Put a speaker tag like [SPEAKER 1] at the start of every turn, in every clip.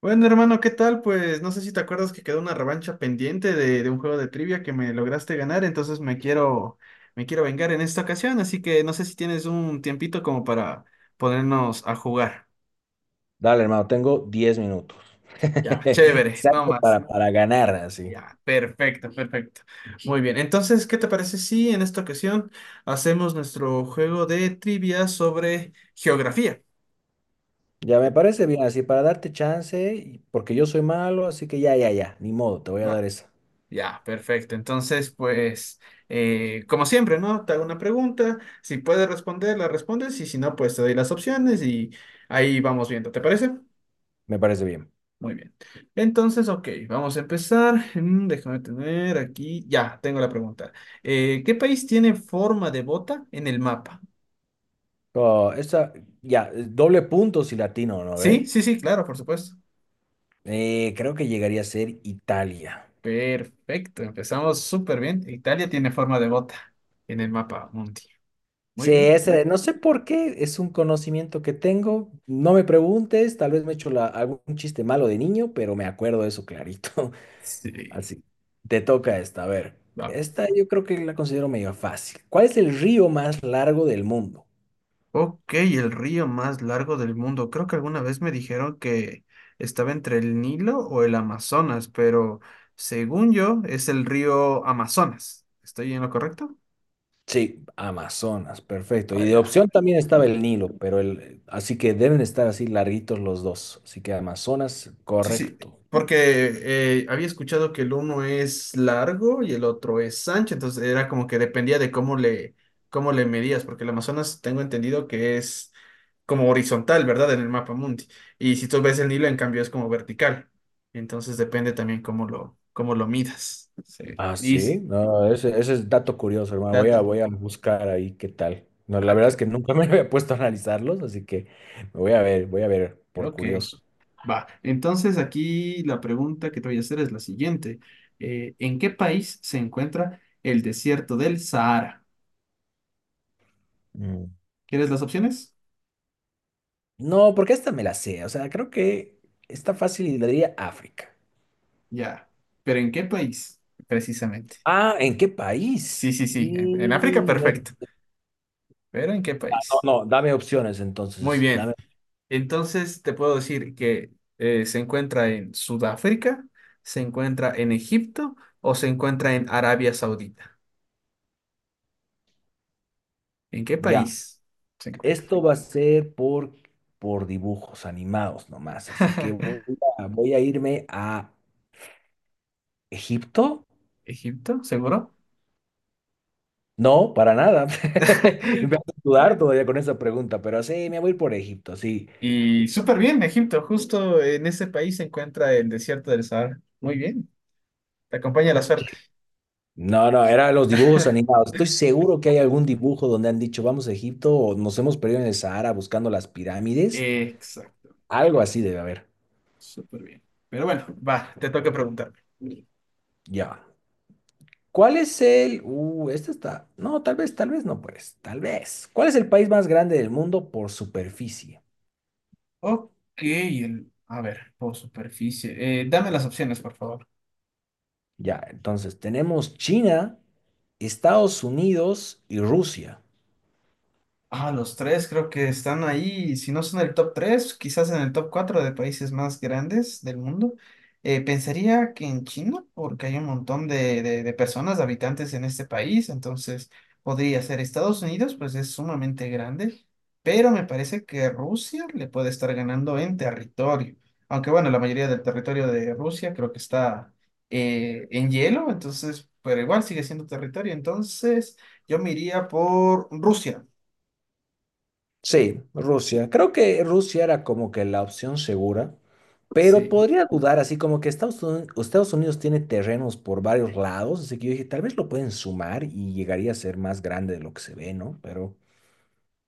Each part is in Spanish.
[SPEAKER 1] Bueno, hermano, ¿qué tal? Pues no sé si te acuerdas que quedó una revancha pendiente de un juego de trivia que me lograste ganar, entonces me quiero vengar en esta ocasión, así que no sé si tienes un tiempito como para ponernos a jugar.
[SPEAKER 2] Dale, hermano, tengo 10 minutos.
[SPEAKER 1] Ya, chévere, no
[SPEAKER 2] Exacto,
[SPEAKER 1] más.
[SPEAKER 2] para ganar, así.
[SPEAKER 1] Ya, perfecto, perfecto. Muy bien, entonces, ¿qué te parece si en esta ocasión hacemos nuestro juego de trivia sobre geografía?
[SPEAKER 2] Ya me parece bien, así, para darte chance, porque yo soy malo, así que ya, ya, ya, ni modo, te voy a
[SPEAKER 1] ¿Va?
[SPEAKER 2] dar esa.
[SPEAKER 1] Ya, perfecto. Entonces, pues, como siempre, ¿no? Te hago una pregunta. Si puedes responder, la respondes. Y si no, pues te doy las opciones y ahí vamos viendo. ¿Te parece?
[SPEAKER 2] Me parece bien.
[SPEAKER 1] Muy bien. Entonces, ok, vamos a empezar. Déjame tener aquí. Ya, tengo la pregunta. ¿Qué país tiene forma de bota en el mapa?
[SPEAKER 2] Oh, esa, ya, doble punto si latino, ¿no
[SPEAKER 1] Sí,
[SPEAKER 2] ve?
[SPEAKER 1] sí, sí, claro, por supuesto.
[SPEAKER 2] Creo que llegaría a ser Italia.
[SPEAKER 1] Perfecto. Empezamos súper bien. Italia tiene forma de bota en el mapa mundi. Muy
[SPEAKER 2] Sí,
[SPEAKER 1] bien.
[SPEAKER 2] ese, no sé por qué, es un conocimiento que tengo. No me preguntes, tal vez me he hecho la- algún chiste malo de niño, pero me acuerdo de eso clarito.
[SPEAKER 1] Sí.
[SPEAKER 2] Así, te toca esta. A ver,
[SPEAKER 1] Vamos.
[SPEAKER 2] esta yo creo que la considero medio fácil. ¿Cuál es el río más largo del mundo?
[SPEAKER 1] Ok, el río más largo del mundo. Creo que alguna vez me dijeron que estaba entre el Nilo o el Amazonas, pero según yo es el río Amazonas. ¿Estoy en lo correcto?
[SPEAKER 2] Sí, Amazonas, perfecto. Y de
[SPEAKER 1] Allá.
[SPEAKER 2] opción también estaba el Nilo, pero el, así que deben estar así larguitos los dos. Así que Amazonas,
[SPEAKER 1] Sí, sí,
[SPEAKER 2] correcto.
[SPEAKER 1] porque había escuchado que el uno es largo y el otro es ancho, entonces era como que dependía de cómo le medías, porque el Amazonas tengo entendido que es como horizontal, ¿verdad? En el mapa mundi. Y si tú ves el Nilo, en cambio, es como vertical. Entonces depende también cómo lo midas. Se
[SPEAKER 2] Ah,
[SPEAKER 1] dice.
[SPEAKER 2] sí, no, ese es dato curioso, hermano. Voy
[SPEAKER 1] Dato.
[SPEAKER 2] a buscar ahí qué tal. No, la
[SPEAKER 1] Ah,
[SPEAKER 2] verdad es que nunca me había puesto a analizarlos, así que me voy a ver por
[SPEAKER 1] Ok.
[SPEAKER 2] curioso.
[SPEAKER 1] Va. Entonces aquí la pregunta que te voy a hacer es la siguiente. ¿En qué país se encuentra el desierto del Sahara?
[SPEAKER 2] Mm.
[SPEAKER 1] ¿Quieres las opciones?
[SPEAKER 2] No, porque esta me la sé. O sea, creo que está fácil y le diría África.
[SPEAKER 1] Ya. ¿Pero en qué país? Precisamente.
[SPEAKER 2] Ah, ¿en qué
[SPEAKER 1] Sí,
[SPEAKER 2] país?
[SPEAKER 1] sí, sí. En África,
[SPEAKER 2] Y...
[SPEAKER 1] perfecto. ¿Pero en qué país?
[SPEAKER 2] No, no, dame opciones
[SPEAKER 1] Muy
[SPEAKER 2] entonces.
[SPEAKER 1] bien.
[SPEAKER 2] Dame.
[SPEAKER 1] Entonces te puedo decir que se encuentra en Sudáfrica, se encuentra en Egipto o se encuentra en Arabia Saudita. ¿En qué
[SPEAKER 2] Ya.
[SPEAKER 1] país se encuentra?
[SPEAKER 2] Esto va a ser por dibujos animados nomás. Así que voy a irme a Egipto.
[SPEAKER 1] Egipto, seguro.
[SPEAKER 2] No, para nada. Me vas a sudar todavía con esa pregunta, pero sí, me voy por Egipto, sí.
[SPEAKER 1] Y súper bien, Egipto. Justo en ese país se encuentra el desierto del Sahara. Muy bien. Te acompaña la suerte.
[SPEAKER 2] No, no, eran los dibujos animados. Estoy seguro que hay algún dibujo donde han dicho vamos a Egipto o nos hemos perdido en el Sahara buscando las pirámides.
[SPEAKER 1] Exacto.
[SPEAKER 2] Algo así debe haber.
[SPEAKER 1] Súper bien. Pero bueno, va, te toca preguntarme.
[SPEAKER 2] Ya. ¿Cuál es el... este está... No, tal vez no, pues. Tal vez. ¿Cuál es el país más grande del mundo por superficie?
[SPEAKER 1] Ok, a ver, por superficie. Dame las opciones, por favor.
[SPEAKER 2] Ya, entonces tenemos China, Estados Unidos y Rusia.
[SPEAKER 1] Ah, los tres creo que están ahí, si no son el top tres, quizás en el top cuatro de países más grandes del mundo. Pensaría que en China, porque hay un montón de personas, de habitantes en este país, entonces podría ser Estados Unidos, pues es sumamente grande, pero me parece que Rusia le puede estar ganando en territorio, aunque bueno, la mayoría del territorio de Rusia creo que está en hielo, entonces, pero igual sigue siendo territorio, entonces yo me iría por Rusia.
[SPEAKER 2] Sí, Rusia. Creo que Rusia era como que la opción segura, pero
[SPEAKER 1] Sí.
[SPEAKER 2] podría dudar, así como que Estados Unidos, Estados Unidos tiene terrenos por varios lados, así que yo dije, tal vez lo pueden sumar y llegaría a ser más grande de lo que se ve, ¿no? Pero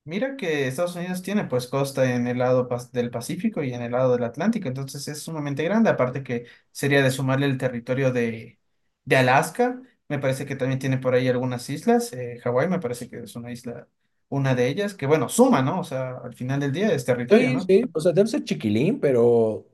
[SPEAKER 1] Mira que Estados Unidos tiene pues costa en el lado del Pacífico y en el lado del Atlántico, entonces es sumamente grande, aparte que sería de sumarle el territorio de Alaska, me parece que también tiene por ahí algunas islas, Hawái me parece que es una isla, una de ellas, que bueno, suma, ¿no? O sea, al final del día es territorio,
[SPEAKER 2] sí,
[SPEAKER 1] ¿no?
[SPEAKER 2] sí, o sea, debe ser chiquilín, pero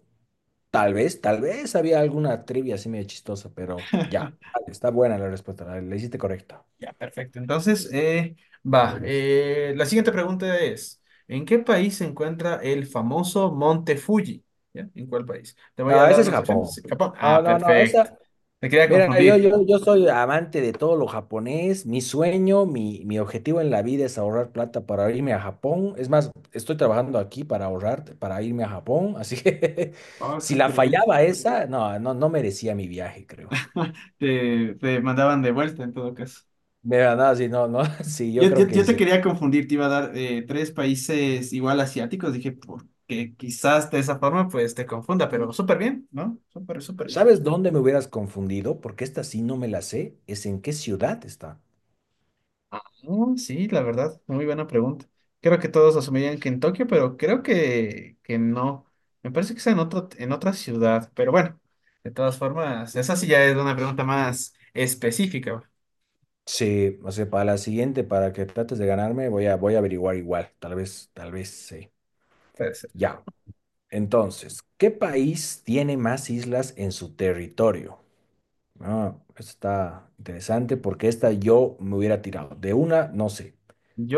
[SPEAKER 2] tal vez había alguna trivia así medio chistosa, pero ya, vale, está buena la respuesta, la hiciste correcta.
[SPEAKER 1] Ya, perfecto. Entonces, va. La siguiente pregunta es, ¿en qué país se encuentra el famoso Monte Fuji? ¿Ya? ¿En cuál país? ¿Te voy a
[SPEAKER 2] Ah, ese
[SPEAKER 1] dar
[SPEAKER 2] es
[SPEAKER 1] las opciones? Sí,
[SPEAKER 2] Japón.
[SPEAKER 1] Japón.
[SPEAKER 2] Ah,
[SPEAKER 1] Ah,
[SPEAKER 2] no, no,
[SPEAKER 1] perfecto.
[SPEAKER 2] esa,
[SPEAKER 1] Te quería
[SPEAKER 2] mira, yo,
[SPEAKER 1] confundir.
[SPEAKER 2] yo, yo soy amante de todo lo japonés. Mi sueño, mi objetivo en la vida es ahorrar plata para irme a Japón. Es más, estoy trabajando aquí para ahorrar, para irme a Japón. Así que
[SPEAKER 1] Oh,
[SPEAKER 2] si la
[SPEAKER 1] súper bien.
[SPEAKER 2] fallaba esa, no, no, no merecía mi viaje, creo.
[SPEAKER 1] Te mandaban de vuelta en todo caso.
[SPEAKER 2] Mira, no, sí, no, no, sí, yo
[SPEAKER 1] Yo,
[SPEAKER 2] creo
[SPEAKER 1] yo,
[SPEAKER 2] que
[SPEAKER 1] yo te
[SPEAKER 2] sí.
[SPEAKER 1] quería confundir, te iba a dar tres países igual asiáticos. Dije, porque quizás de esa forma pues te confunda, pero súper bien, ¿no? Súper, súper. Bien.
[SPEAKER 2] ¿Sabes dónde me hubieras confundido? Porque esta sí no me la sé. Es en qué ciudad está.
[SPEAKER 1] Ah, oh, sí, la verdad, muy buena pregunta. Creo que todos asumirían que en Tokio, pero creo que no. Me parece que es en otro, en otra ciudad, pero bueno, de todas formas, esa sí ya es una pregunta más específica.
[SPEAKER 2] Sí, o sea, para la siguiente, para que trates de ganarme, voy a averiguar igual. Tal vez, sí.
[SPEAKER 1] Puede ser.
[SPEAKER 2] Ya. Entonces, ¿qué país tiene más islas en su territorio? Ah, esto está interesante porque esta yo me hubiera tirado. De una, no sé.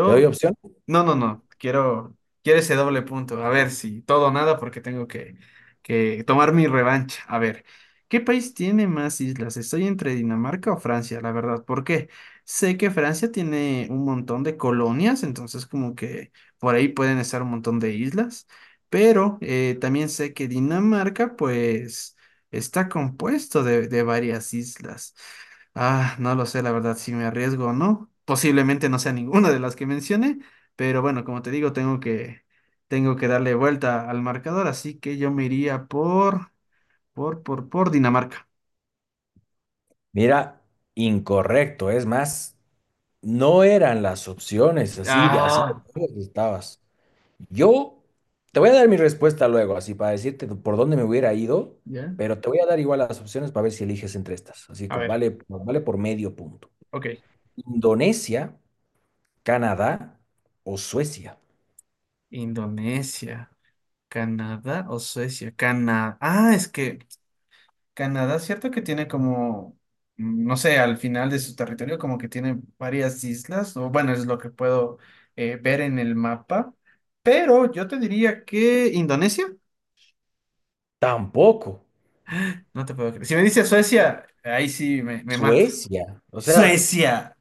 [SPEAKER 2] ¿Te doy opción?
[SPEAKER 1] No, no, no. Quiero ese doble punto. A ver si todo o nada, porque que tomar mi revancha. A ver, ¿qué país tiene más islas? Estoy entre Dinamarca o Francia, la verdad. ¿Por qué? Sé que Francia tiene un montón de colonias, entonces como que por ahí pueden estar un montón de islas. Pero también sé que Dinamarca, pues, está compuesto de varias islas. Ah, no lo sé, la verdad, si me arriesgo o no. Posiblemente no sea ninguna de las que mencioné, pero bueno, como te digo, tengo que darle vuelta al marcador, así que yo me iría por Dinamarca.
[SPEAKER 2] Mira, incorrecto. Es más, no eran las opciones. Así de
[SPEAKER 1] Ah,
[SPEAKER 2] lejos estabas. Yo te voy a dar mi respuesta luego, así para decirte por dónde me hubiera ido,
[SPEAKER 1] ¿Ya?
[SPEAKER 2] pero te voy a dar igual las opciones para ver si eliges entre estas. Así
[SPEAKER 1] a
[SPEAKER 2] que
[SPEAKER 1] ver,
[SPEAKER 2] vale, vale por medio punto.
[SPEAKER 1] ok.
[SPEAKER 2] Indonesia, Canadá o Suecia.
[SPEAKER 1] Indonesia, Canadá o Suecia. Canadá. Ah, es que Canadá, cierto que tiene como, no sé, al final de su territorio como que tiene varias islas, o bueno, es lo que puedo ver en el mapa. Pero yo te diría que Indonesia.
[SPEAKER 2] Tampoco.
[SPEAKER 1] No te puedo creer. Si me dice Suecia, ahí sí me mata.
[SPEAKER 2] Suecia. O sea,
[SPEAKER 1] Suecia.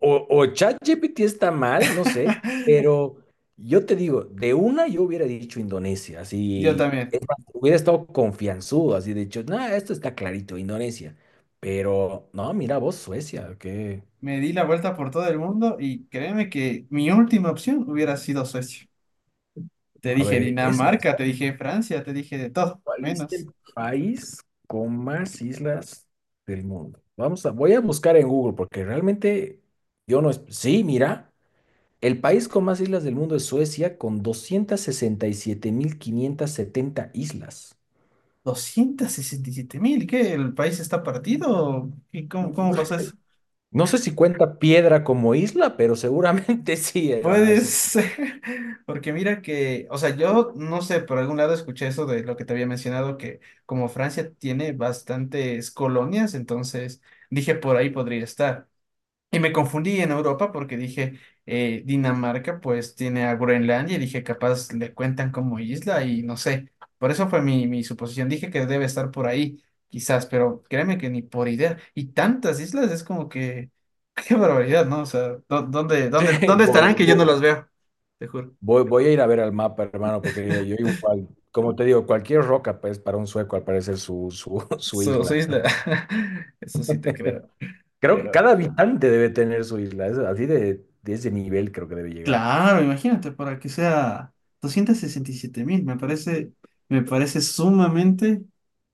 [SPEAKER 2] o, o ChatGPT está mal, no sé, pero yo te digo, de una yo hubiera dicho Indonesia,
[SPEAKER 1] Yo
[SPEAKER 2] así
[SPEAKER 1] también.
[SPEAKER 2] hubiera estado confianzudo, así de hecho nada esto está clarito, Indonesia. Pero no, mira vos, Suecia, que,
[SPEAKER 1] Me di la vuelta por todo el mundo y créeme que mi última opción hubiera sido Suecia. Te
[SPEAKER 2] a
[SPEAKER 1] dije
[SPEAKER 2] ver, es más,
[SPEAKER 1] Dinamarca, te dije Francia, te dije de todo,
[SPEAKER 2] ¿cuál es
[SPEAKER 1] menos.
[SPEAKER 2] el país con más islas del mundo? Voy a buscar en Google porque realmente yo no, es- sí, mira. El país con más islas del mundo es Suecia, con 267.570 islas.
[SPEAKER 1] 267.000, ¿qué? ¿El país está partido? ¿Y cómo pasó eso?
[SPEAKER 2] No sé si cuenta Piedra como isla, pero seguramente sí, hermano.
[SPEAKER 1] Puede
[SPEAKER 2] Así que
[SPEAKER 1] ser, porque mira que, o sea, yo no sé, por algún lado escuché eso de lo que te había mencionado, que como Francia tiene bastantes colonias, entonces dije por ahí podría estar. Y me confundí en Europa porque dije, Dinamarca pues tiene a Groenlandia y dije, capaz le cuentan como isla y no sé. Por eso fue mi suposición. Dije que debe estar por ahí, quizás, pero créeme que ni por idea. Y tantas islas es como que, qué barbaridad, ¿no? O sea, ¿dónde, dónde, dónde estarán
[SPEAKER 2] vo-
[SPEAKER 1] que yo no
[SPEAKER 2] vo-
[SPEAKER 1] las veo? Te juro.
[SPEAKER 2] voy a ir a ver al mapa, hermano, porque yo igual, como te digo, cualquier roca, pues para un sueco, al parecer, su
[SPEAKER 1] Su
[SPEAKER 2] isla.
[SPEAKER 1] isla. Eso sí te creo.
[SPEAKER 2] Creo que
[SPEAKER 1] Pero...
[SPEAKER 2] cada habitante debe tener su isla. Es así de ese nivel creo que debe llegar.
[SPEAKER 1] Claro, imagínate, para que sea 267.000, me parece sumamente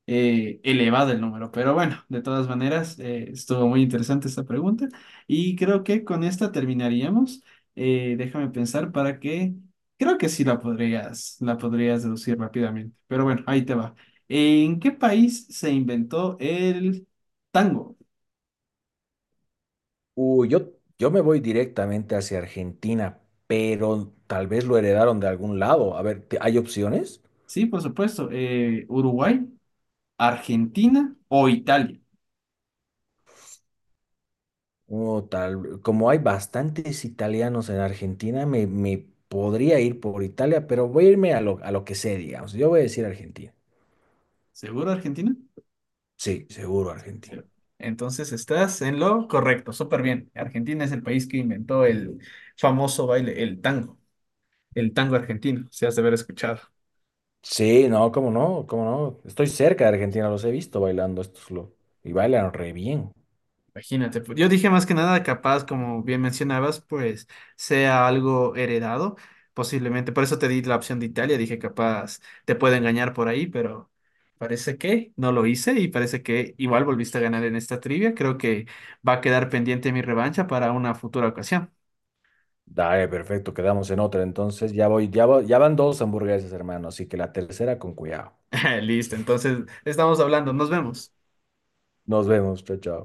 [SPEAKER 1] elevado el número, pero bueno, de todas maneras, estuvo muy interesante esta pregunta y creo que con esta terminaríamos. Déjame pensar para que, creo que sí la podrías deducir rápidamente, pero bueno, ahí te va. ¿En qué país se inventó el tango?
[SPEAKER 2] Uh, yo, yo me voy directamente hacia Argentina, pero tal vez lo heredaron de algún lado. A ver, ¿hay opciones?
[SPEAKER 1] Sí, por supuesto, Uruguay, Argentina o Italia.
[SPEAKER 2] O tal, como hay bastantes italianos en Argentina, me podría ir por Italia, pero voy a irme a lo que sé, digamos. Yo voy a decir Argentina.
[SPEAKER 1] ¿Seguro Argentina?
[SPEAKER 2] Sí, seguro
[SPEAKER 1] Sí,
[SPEAKER 2] Argentina.
[SPEAKER 1] sí. Entonces estás en lo correcto, súper bien. Argentina es el país que inventó el famoso baile, el tango argentino, si has de haber escuchado.
[SPEAKER 2] Sí, no, cómo no, cómo no. Estoy cerca de Argentina, los he visto bailando estos lo, y bailan re bien.
[SPEAKER 1] Imagínate, pues, yo dije más que nada, capaz, como bien mencionabas, pues sea algo heredado, posiblemente. Por eso te di la opción de Italia, dije capaz te puede engañar por ahí, pero parece que no lo hice y parece que igual volviste a ganar en esta trivia. Creo que va a quedar pendiente mi revancha para una futura ocasión.
[SPEAKER 2] Dale, perfecto, quedamos en otra. Entonces ya van dos hamburguesas, hermano, así que la tercera con cuidado.
[SPEAKER 1] Listo, entonces estamos hablando, nos vemos.
[SPEAKER 2] Nos vemos, chao, chao.